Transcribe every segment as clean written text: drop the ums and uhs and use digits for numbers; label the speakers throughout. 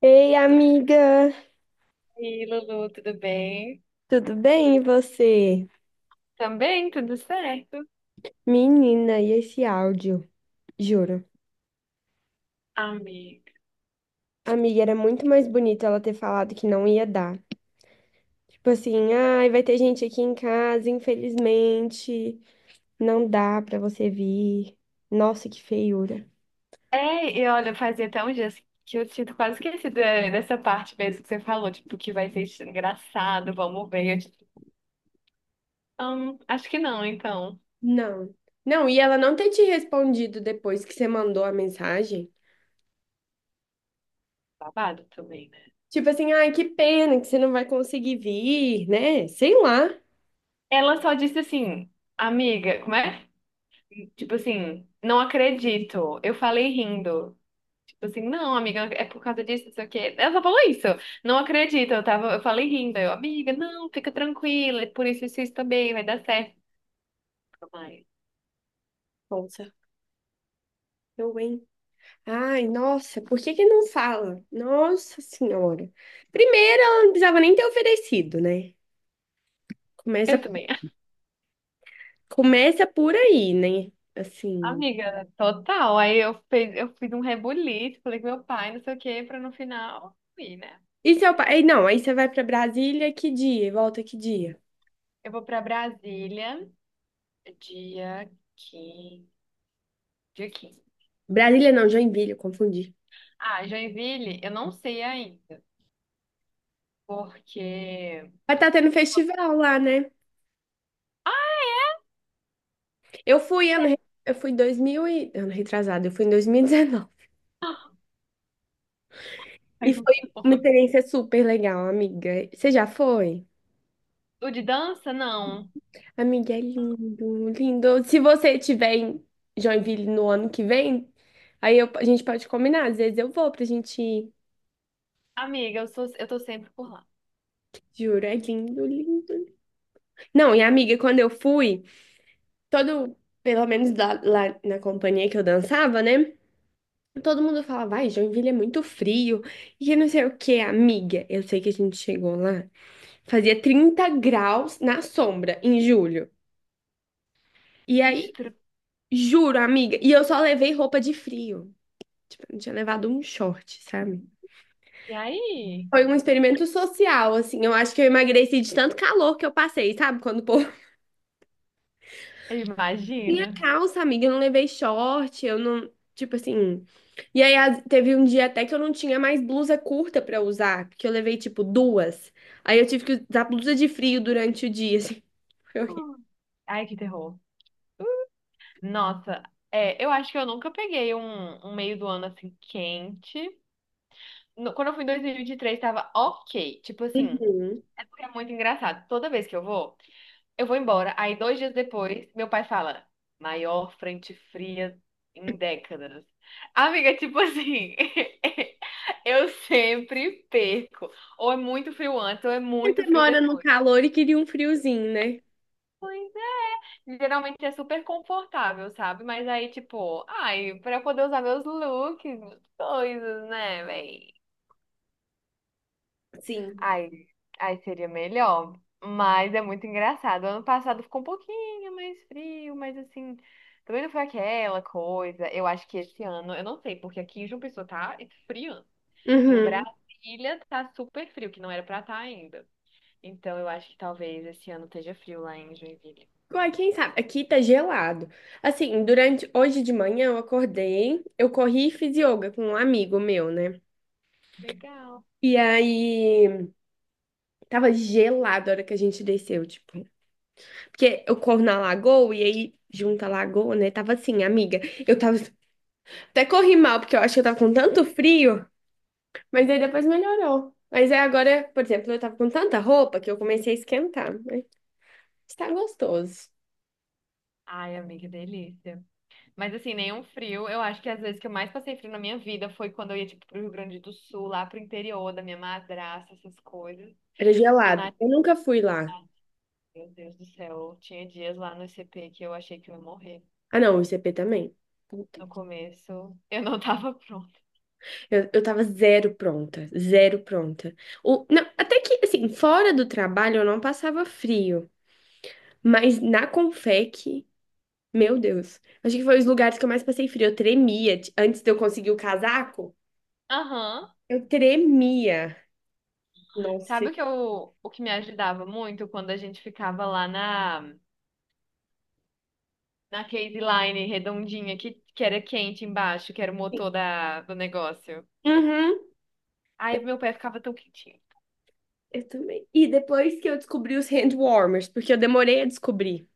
Speaker 1: Ei, amiga,
Speaker 2: E Lulu, tudo bem?
Speaker 1: tudo bem e você?
Speaker 2: Também, tudo certo,
Speaker 1: Menina, e esse áudio? Juro.
Speaker 2: amiga.
Speaker 1: Amiga, era muito mais bonito ela ter falado que não ia dar. Tipo assim, ai, vai ter gente aqui em casa, infelizmente, não dá pra você vir. Nossa, que feiura.
Speaker 2: É, e olha, fazia até uns dias que eu tinha quase esquecido dessa parte mesmo que você falou, tipo, que vai ser engraçado, vamos ver. Eu, tipo, acho que não, então.
Speaker 1: Não. Não, e ela não ter te respondido depois que você mandou a mensagem.
Speaker 2: Babado também, né?
Speaker 1: Tipo assim, ai, que pena que você não vai conseguir vir, né? Sei lá.
Speaker 2: Ela só disse assim, amiga, como é? Tipo assim, não acredito. Eu falei rindo. Tipo assim, não, amiga, é por causa disso, não sei o quê. Ela só falou isso. Não acredito. Eu falei rindo. Eu, amiga, não, fica tranquila. É por isso, isso, isso também vai dar certo. Mãe.
Speaker 1: Nossa, eu, hein? Ai, nossa, por que que não fala? Nossa Senhora. Primeiro, ela não precisava nem ter oferecido, né? Começa,
Speaker 2: Eu também.
Speaker 1: começa por aí, né? Assim.
Speaker 2: Amiga, total. Aí eu fiz um rebuliço, falei com meu pai, não sei o quê, pra no final ir, né?
Speaker 1: E seu pai?
Speaker 2: Bem,
Speaker 1: Aí não, aí você vai pra Brasília, que dia? E volta que dia?
Speaker 2: eu vou pra Brasília dia 15. Dia quinze.
Speaker 1: Brasília não, Joinville, eu confundi.
Speaker 2: Ah, Joinville, eu não sei ainda. Porque.
Speaker 1: Vai estar tendo festival lá, né? Eu fui ano, re-
Speaker 2: Sério.
Speaker 1: eu fui 2000 e ano retrasado, eu fui em 2019. E dezenove. E
Speaker 2: Faz um
Speaker 1: foi uma
Speaker 2: tempo.
Speaker 1: experiência super legal, amiga. Você já foi?
Speaker 2: O de dança, não.
Speaker 1: Amiga, é lindo, lindo. Se você tiver em Joinville no ano que vem, a gente pode combinar. Às vezes eu vou pra gente ir.
Speaker 2: Amiga, eu tô sempre por lá.
Speaker 1: Juro, é lindo, lindo. Não, e amiga, quando eu fui, todo, pelo menos lá na companhia que eu dançava, né? Todo mundo falava, vai, Joinville é muito frio. E eu não sei o que, amiga. Eu sei que a gente chegou lá, fazia 30 graus na sombra em julho. E aí,
Speaker 2: Estra-
Speaker 1: juro, amiga, e eu só levei roupa de frio. Eu tinha levado um short, sabe?
Speaker 2: E aí?
Speaker 1: Foi um experimento social, assim. Eu acho que eu emagreci de tanto calor que eu passei, sabe? Quando o povo tinha
Speaker 2: Imagina.
Speaker 1: calça, amiga, eu não levei short, eu não. Tipo assim. E aí teve um dia até que eu não tinha mais blusa curta pra usar, porque eu levei, tipo, duas. Aí eu tive que usar blusa de frio durante o dia, assim. Foi horrível.
Speaker 2: Hum. Ai, que terror. Nossa, é, eu acho que eu nunca peguei um meio do ano assim quente. Quando eu fui em 2023, tava ok. Tipo assim,
Speaker 1: Uhum.
Speaker 2: é muito engraçado. Toda vez que eu vou, eu vou embora. Aí, 2 dias depois, meu pai fala: maior frente fria em décadas. Amiga, tipo assim, eu sempre perco. Ou é muito frio antes, ou é muito
Speaker 1: Você
Speaker 2: frio
Speaker 1: mora no
Speaker 2: depois.
Speaker 1: calor e queria um friozinho, né?
Speaker 2: Geralmente é super confortável, sabe? Mas aí, tipo, ai, pra eu poder usar meus looks, coisas, né, véi?
Speaker 1: Sim.
Speaker 2: Aí, aí seria melhor. Mas é muito engraçado. Ano passado ficou um pouquinho mais frio, mas assim, também não foi aquela coisa. Eu acho que esse ano, eu não sei, porque aqui em João Pessoa tá esfriando. Em
Speaker 1: Uhum.
Speaker 2: Brasília tá super frio, que não era pra estar ainda. Então eu acho que talvez esse ano esteja frio lá em Joinville.
Speaker 1: Uai, quem sabe? Aqui tá gelado. Assim, durante hoje de manhã eu acordei, eu corri e fiz yoga com um amigo meu, né?
Speaker 2: Legal.
Speaker 1: E aí tava gelado a hora que a gente desceu, tipo. Porque eu corro na lagoa e aí junta a lagoa, né? Tava assim, amiga. Eu tava até corri mal, porque eu acho que eu tava com tanto frio, mas aí depois melhorou. Mas aí agora, por exemplo, eu tava com tanta roupa que eu comecei a esquentar. Mas está gostoso.
Speaker 2: Ai, amiga, que delícia. Mas assim, nenhum frio. Eu acho que as vezes que eu mais passei frio na minha vida foi quando eu ia, tipo, pro Rio Grande do Sul, lá pro interior da minha madrasta, essas coisas.
Speaker 1: Era
Speaker 2: E
Speaker 1: gelado.
Speaker 2: na
Speaker 1: Eu nunca fui lá.
Speaker 2: Ah, meu Deus do céu, tinha dias lá no CP que eu achei que eu ia morrer.
Speaker 1: Ah, não, o ICP também.
Speaker 2: No começo, eu não tava pronta.
Speaker 1: Eu tava zero pronta, zero pronta. O, não, até que, assim, fora do trabalho eu não passava frio, mas na Confec, meu Deus. Acho que foi os lugares que eu mais passei frio. Eu tremia. Antes de eu conseguir o casaco,
Speaker 2: Aham.
Speaker 1: eu tremia. Nossa.
Speaker 2: Sabe o que me ajudava muito quando a gente ficava lá na case line redondinha que era quente embaixo, que era o
Speaker 1: Sim.
Speaker 2: motor do negócio.
Speaker 1: Uhum.
Speaker 2: Aí
Speaker 1: Eu,
Speaker 2: meu pé ficava tão quentinho.
Speaker 1: eu também. E depois que eu descobri os hand warmers, porque eu demorei a descobrir.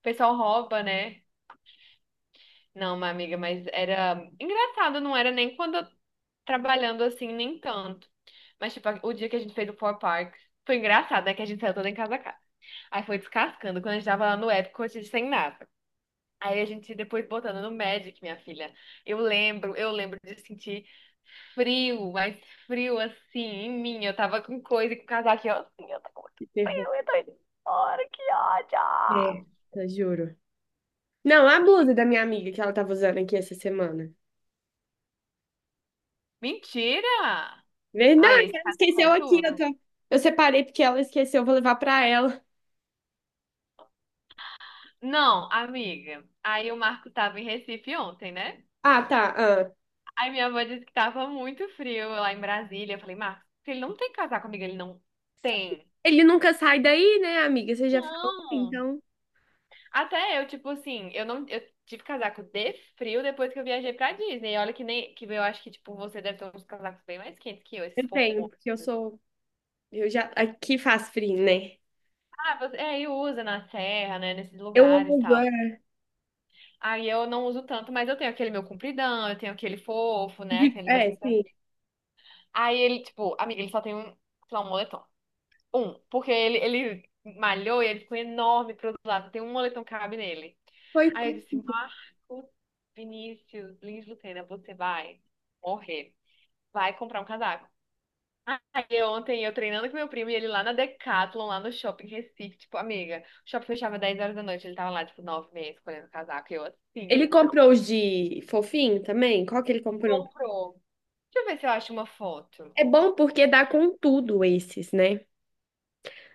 Speaker 2: O pessoal rouba, né? Não, minha amiga, mas era engraçado, não era nem quando eu trabalhando assim, nem tanto. Mas tipo, o dia que a gente fez o Four Park foi engraçado, né? Que a gente saiu toda em casa. Aí foi descascando. Quando a gente tava lá no Epic, eu tinha sem nada. Aí a gente depois botando no Magic, minha filha. Eu lembro de sentir frio, mas frio assim em mim. Eu tava com coisa, com casaco, e eu assim, eu tô com muito
Speaker 1: Que terror.
Speaker 2: frio, eu tô indo embora, que ódio!
Speaker 1: É, tá, juro. Não, a blusa da minha amiga que ela tava usando aqui essa semana.
Speaker 2: Mentira! Ai,
Speaker 1: Verdade,
Speaker 2: esse
Speaker 1: ela
Speaker 2: casaco é
Speaker 1: esqueceu aqui. Eu,
Speaker 2: tudo.
Speaker 1: tô- eu separei porque ela esqueceu, eu vou levar pra ela.
Speaker 2: Não, amiga. Aí o Marco tava em Recife ontem, né?
Speaker 1: Ah, tá. Ah.
Speaker 2: Aí minha avó disse que tava muito frio lá em Brasília. Eu falei, Marcos, ele não tem casaco, amiga, ele não tem.
Speaker 1: Ele nunca sai daí, né, amiga? Você já falou,
Speaker 2: Não.
Speaker 1: então.
Speaker 2: Até eu, tipo assim, eu não, eu tive casaco de frio depois que eu viajei pra Disney. E olha que nem, que eu acho que, tipo, você deve ter uns casacos bem mais quentes que eu, esses
Speaker 1: Eu tenho,
Speaker 2: fofões.
Speaker 1: porque eu sou. Eu já. Aqui faz frio, né?
Speaker 2: Ah, você, é, e usa na serra, né, nesses
Speaker 1: Eu
Speaker 2: lugares e
Speaker 1: uso.
Speaker 2: tal.
Speaker 1: É,
Speaker 2: Aí eu não uso tanto, mas eu tenho aquele meu compridão, eu tenho aquele fofo, né, aqueles
Speaker 1: é,
Speaker 2: assim, sabe?
Speaker 1: sim.
Speaker 2: Aí ele, tipo, amiga, ele só tem um, sei lá, um moletom. Porque ele malhou e ele ficou enorme pro outro lado. Tem um moletom que cabe nele. Aí eu
Speaker 1: Coitado.
Speaker 2: disse, Marcos Vinícius Lins Lucena, você vai morrer. Vai comprar um casaco. Ontem eu treinando com meu primo e ele lá na Decathlon, lá no shopping em Recife, tipo, amiga, o shopping fechava 10 horas da noite, ele tava lá, tipo, 9 meia escolhendo casaco. E eu assim,
Speaker 1: Ele
Speaker 2: ó.
Speaker 1: comprou os de fofinho também? Qual que ele comprou?
Speaker 2: Comprou. Deixa eu ver se eu acho uma foto.
Speaker 1: É bom porque dá com tudo esses, né?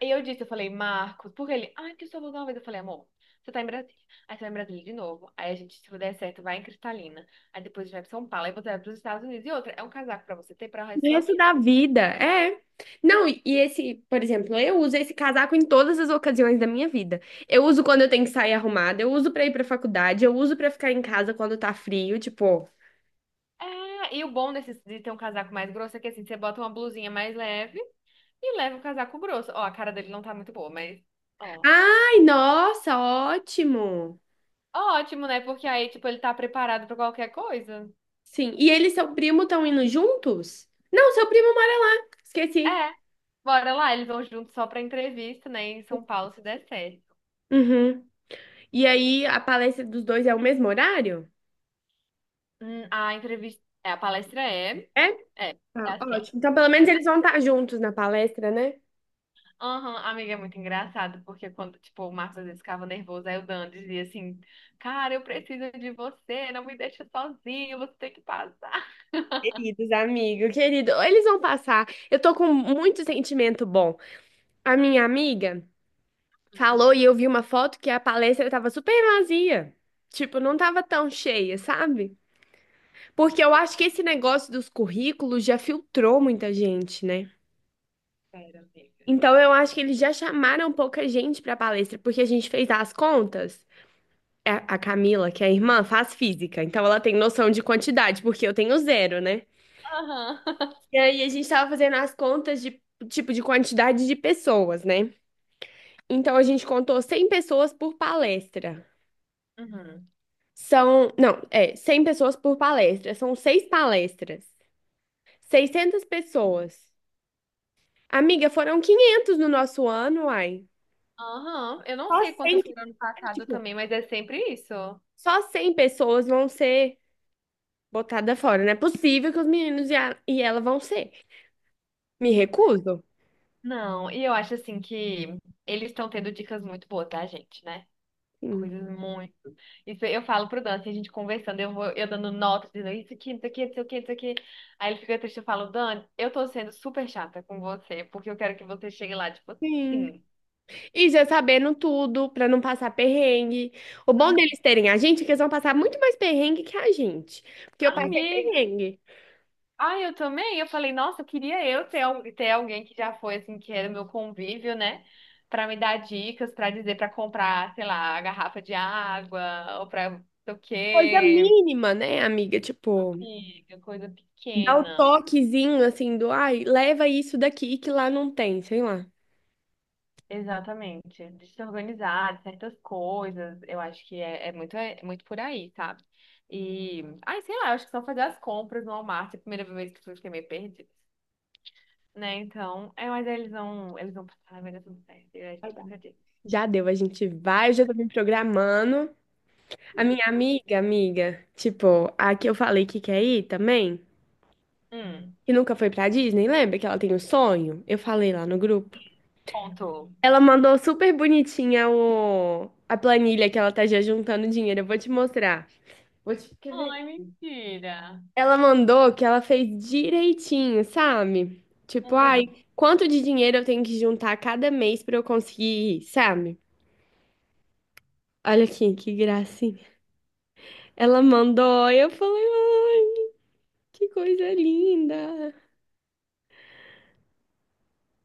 Speaker 2: E eu falei, Marcos, porque ele, ah, que eu só vou dar uma vez. Eu falei, amor, você tá em Brasília. Aí você vai em Brasília de novo. Aí a gente, se der certo, vai em Cristalina. Aí depois a gente vai pra São Paulo. Aí você vai pros Estados Unidos. E outra, é um casaco pra você ter pra resto
Speaker 1: O
Speaker 2: da sua
Speaker 1: resto da
Speaker 2: vida.
Speaker 1: vida, é. Não, e esse, por exemplo, eu uso esse casaco em todas as ocasiões da minha vida. Eu uso quando eu tenho que sair arrumada, eu uso pra ir pra faculdade, eu uso pra ficar em casa quando tá frio, tipo.
Speaker 2: É, e o bom desse, de ter um casaco mais grosso é que assim, você bota uma blusinha mais leve e leva o casaco grosso. Ó, a cara dele não tá muito boa, mas, ó.
Speaker 1: Ai, nossa, ótimo.
Speaker 2: Ótimo, né? Porque aí, tipo, ele tá preparado pra qualquer coisa.
Speaker 1: Sim. E ele e seu primo estão indo juntos? Não, seu primo mora lá. Esqueci.
Speaker 2: É. Bora lá, eles vão juntos só pra entrevista, né? Em São Paulo, se der certo.
Speaker 1: Uhum. E aí a palestra dos dois é o mesmo horário?
Speaker 2: A palestra
Speaker 1: É?
Speaker 2: é, é
Speaker 1: Ah,
Speaker 2: assim.
Speaker 1: ótimo. Então, pelo menos eles vão estar juntos na palestra, né?
Speaker 2: Aham, amiga, é muito engraçado, porque quando, tipo, o Marcos às vezes ficava nervoso, aí o Dan dizia assim, cara, eu preciso de você, não me deixa sozinho, você tem que passar.
Speaker 1: Queridos, amigo, querido, eles vão passar. Eu tô com muito sentimento bom. A minha amiga falou e eu vi uma foto que a palestra tava super vazia. Tipo, não tava tão cheia, sabe? Porque eu acho que esse negócio dos currículos já filtrou muita gente, né?
Speaker 2: Pera, amiga.
Speaker 1: Então eu acho que eles já chamaram pouca gente pra palestra, porque a gente fez as contas. A Camila, que é a irmã, faz física, então ela tem noção de quantidade, porque eu tenho zero, né?
Speaker 2: Aham.
Speaker 1: E aí a gente tava fazendo as contas de tipo de quantidade de pessoas, né? Então a gente contou 100 pessoas por palestra.
Speaker 2: Uhum.
Speaker 1: São, não, é, 100 pessoas por palestra. São seis palestras. 600 pessoas. Amiga, foram 500 no nosso ano, ai.
Speaker 2: Aham, eu não
Speaker 1: Só
Speaker 2: sei
Speaker 1: 100,
Speaker 2: quantas foram ano
Speaker 1: é,
Speaker 2: passado
Speaker 1: tipo,
Speaker 2: também, mas é sempre isso.
Speaker 1: só 100 pessoas vão ser botadas fora. Não é possível que os meninos e ela vão ser. Me recuso.
Speaker 2: Não, e eu acho assim que eles estão tendo dicas muito boas, tá, gente, né?
Speaker 1: Sim.
Speaker 2: Coisas muito. Isso eu falo pro Dan, assim, a gente conversando, eu dando notas, dizendo isso aqui, isso aqui, isso aqui, isso aqui. Aí ele fica triste, eu falo, Dan, eu tô sendo super chata com você, porque eu quero que você chegue lá, tipo,
Speaker 1: Sim.
Speaker 2: assim,
Speaker 1: E já sabendo tudo, pra não passar perrengue. O bom deles terem a gente é que eles vão passar muito mais perrengue que a gente. Porque eu passei
Speaker 2: amigo.
Speaker 1: perrengue.
Speaker 2: Ah, eu também? Eu falei, nossa, queria eu ter, ter alguém que já foi, assim, que era o meu convívio, né? Pra me dar dicas, pra dizer, pra comprar, sei lá, a garrafa de água, ou pra não sei o
Speaker 1: Coisa
Speaker 2: quê.
Speaker 1: mínima, né, amiga? Tipo,
Speaker 2: Amiga, coisa
Speaker 1: dá o
Speaker 2: pequena.
Speaker 1: toquezinho assim do, ai, leva isso daqui que lá não tem, sei lá.
Speaker 2: Exatamente. De se organizar, de certas coisas. Eu acho que é muito por aí, sabe? E, ai, sei lá, eu acho que só fazer as compras no Walmart, é a primeira vez que eu fiquei meio perdida, né? Então, é, mas eles vão passar, vai dar tudo certo. E a
Speaker 1: Vai
Speaker 2: gente
Speaker 1: dar.
Speaker 2: vai pra Disney.
Speaker 1: Já deu, a gente vai, eu já tô me programando. A minha amiga, amiga, tipo, a que eu falei que quer ir também,
Speaker 2: Hum,
Speaker 1: que nunca foi pra Disney, lembra que ela tem um sonho? Eu falei lá no grupo.
Speaker 2: Contou.
Speaker 1: Ela mandou super bonitinha a planilha que ela tá já juntando dinheiro. Eu vou te mostrar. Quer ver?
Speaker 2: Ai, mentira.
Speaker 1: Ela mandou que ela fez direitinho, sabe? Tipo, ai,
Speaker 2: Uhum.
Speaker 1: quanto de dinheiro eu tenho que juntar cada mês pra eu conseguir, sabe? Olha aqui, que gracinha. Ela mandou, eu falei, ai, que coisa linda.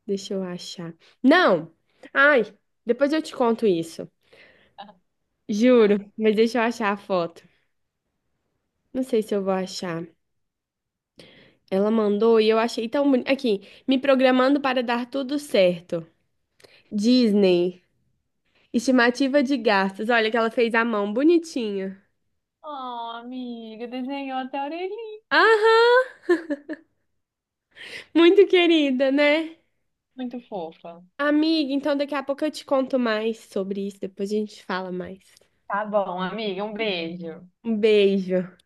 Speaker 1: Deixa eu achar. Não! Ai, depois eu te conto isso. Juro, mas deixa eu achar a foto. Não sei se eu vou achar. Ela mandou e eu achei tão bonito. Aqui, me programando para dar tudo certo. Disney, estimativa de gastos. Olha que ela fez à mão, bonitinha.
Speaker 2: Oh, amiga, desenhou até a orelhinha.
Speaker 1: Aham, muito querida, né?
Speaker 2: Muito fofa.
Speaker 1: Amiga, então daqui a pouco eu te conto mais sobre isso, depois a gente fala mais.
Speaker 2: Tá bom, amiga, um beijo.
Speaker 1: Um beijo.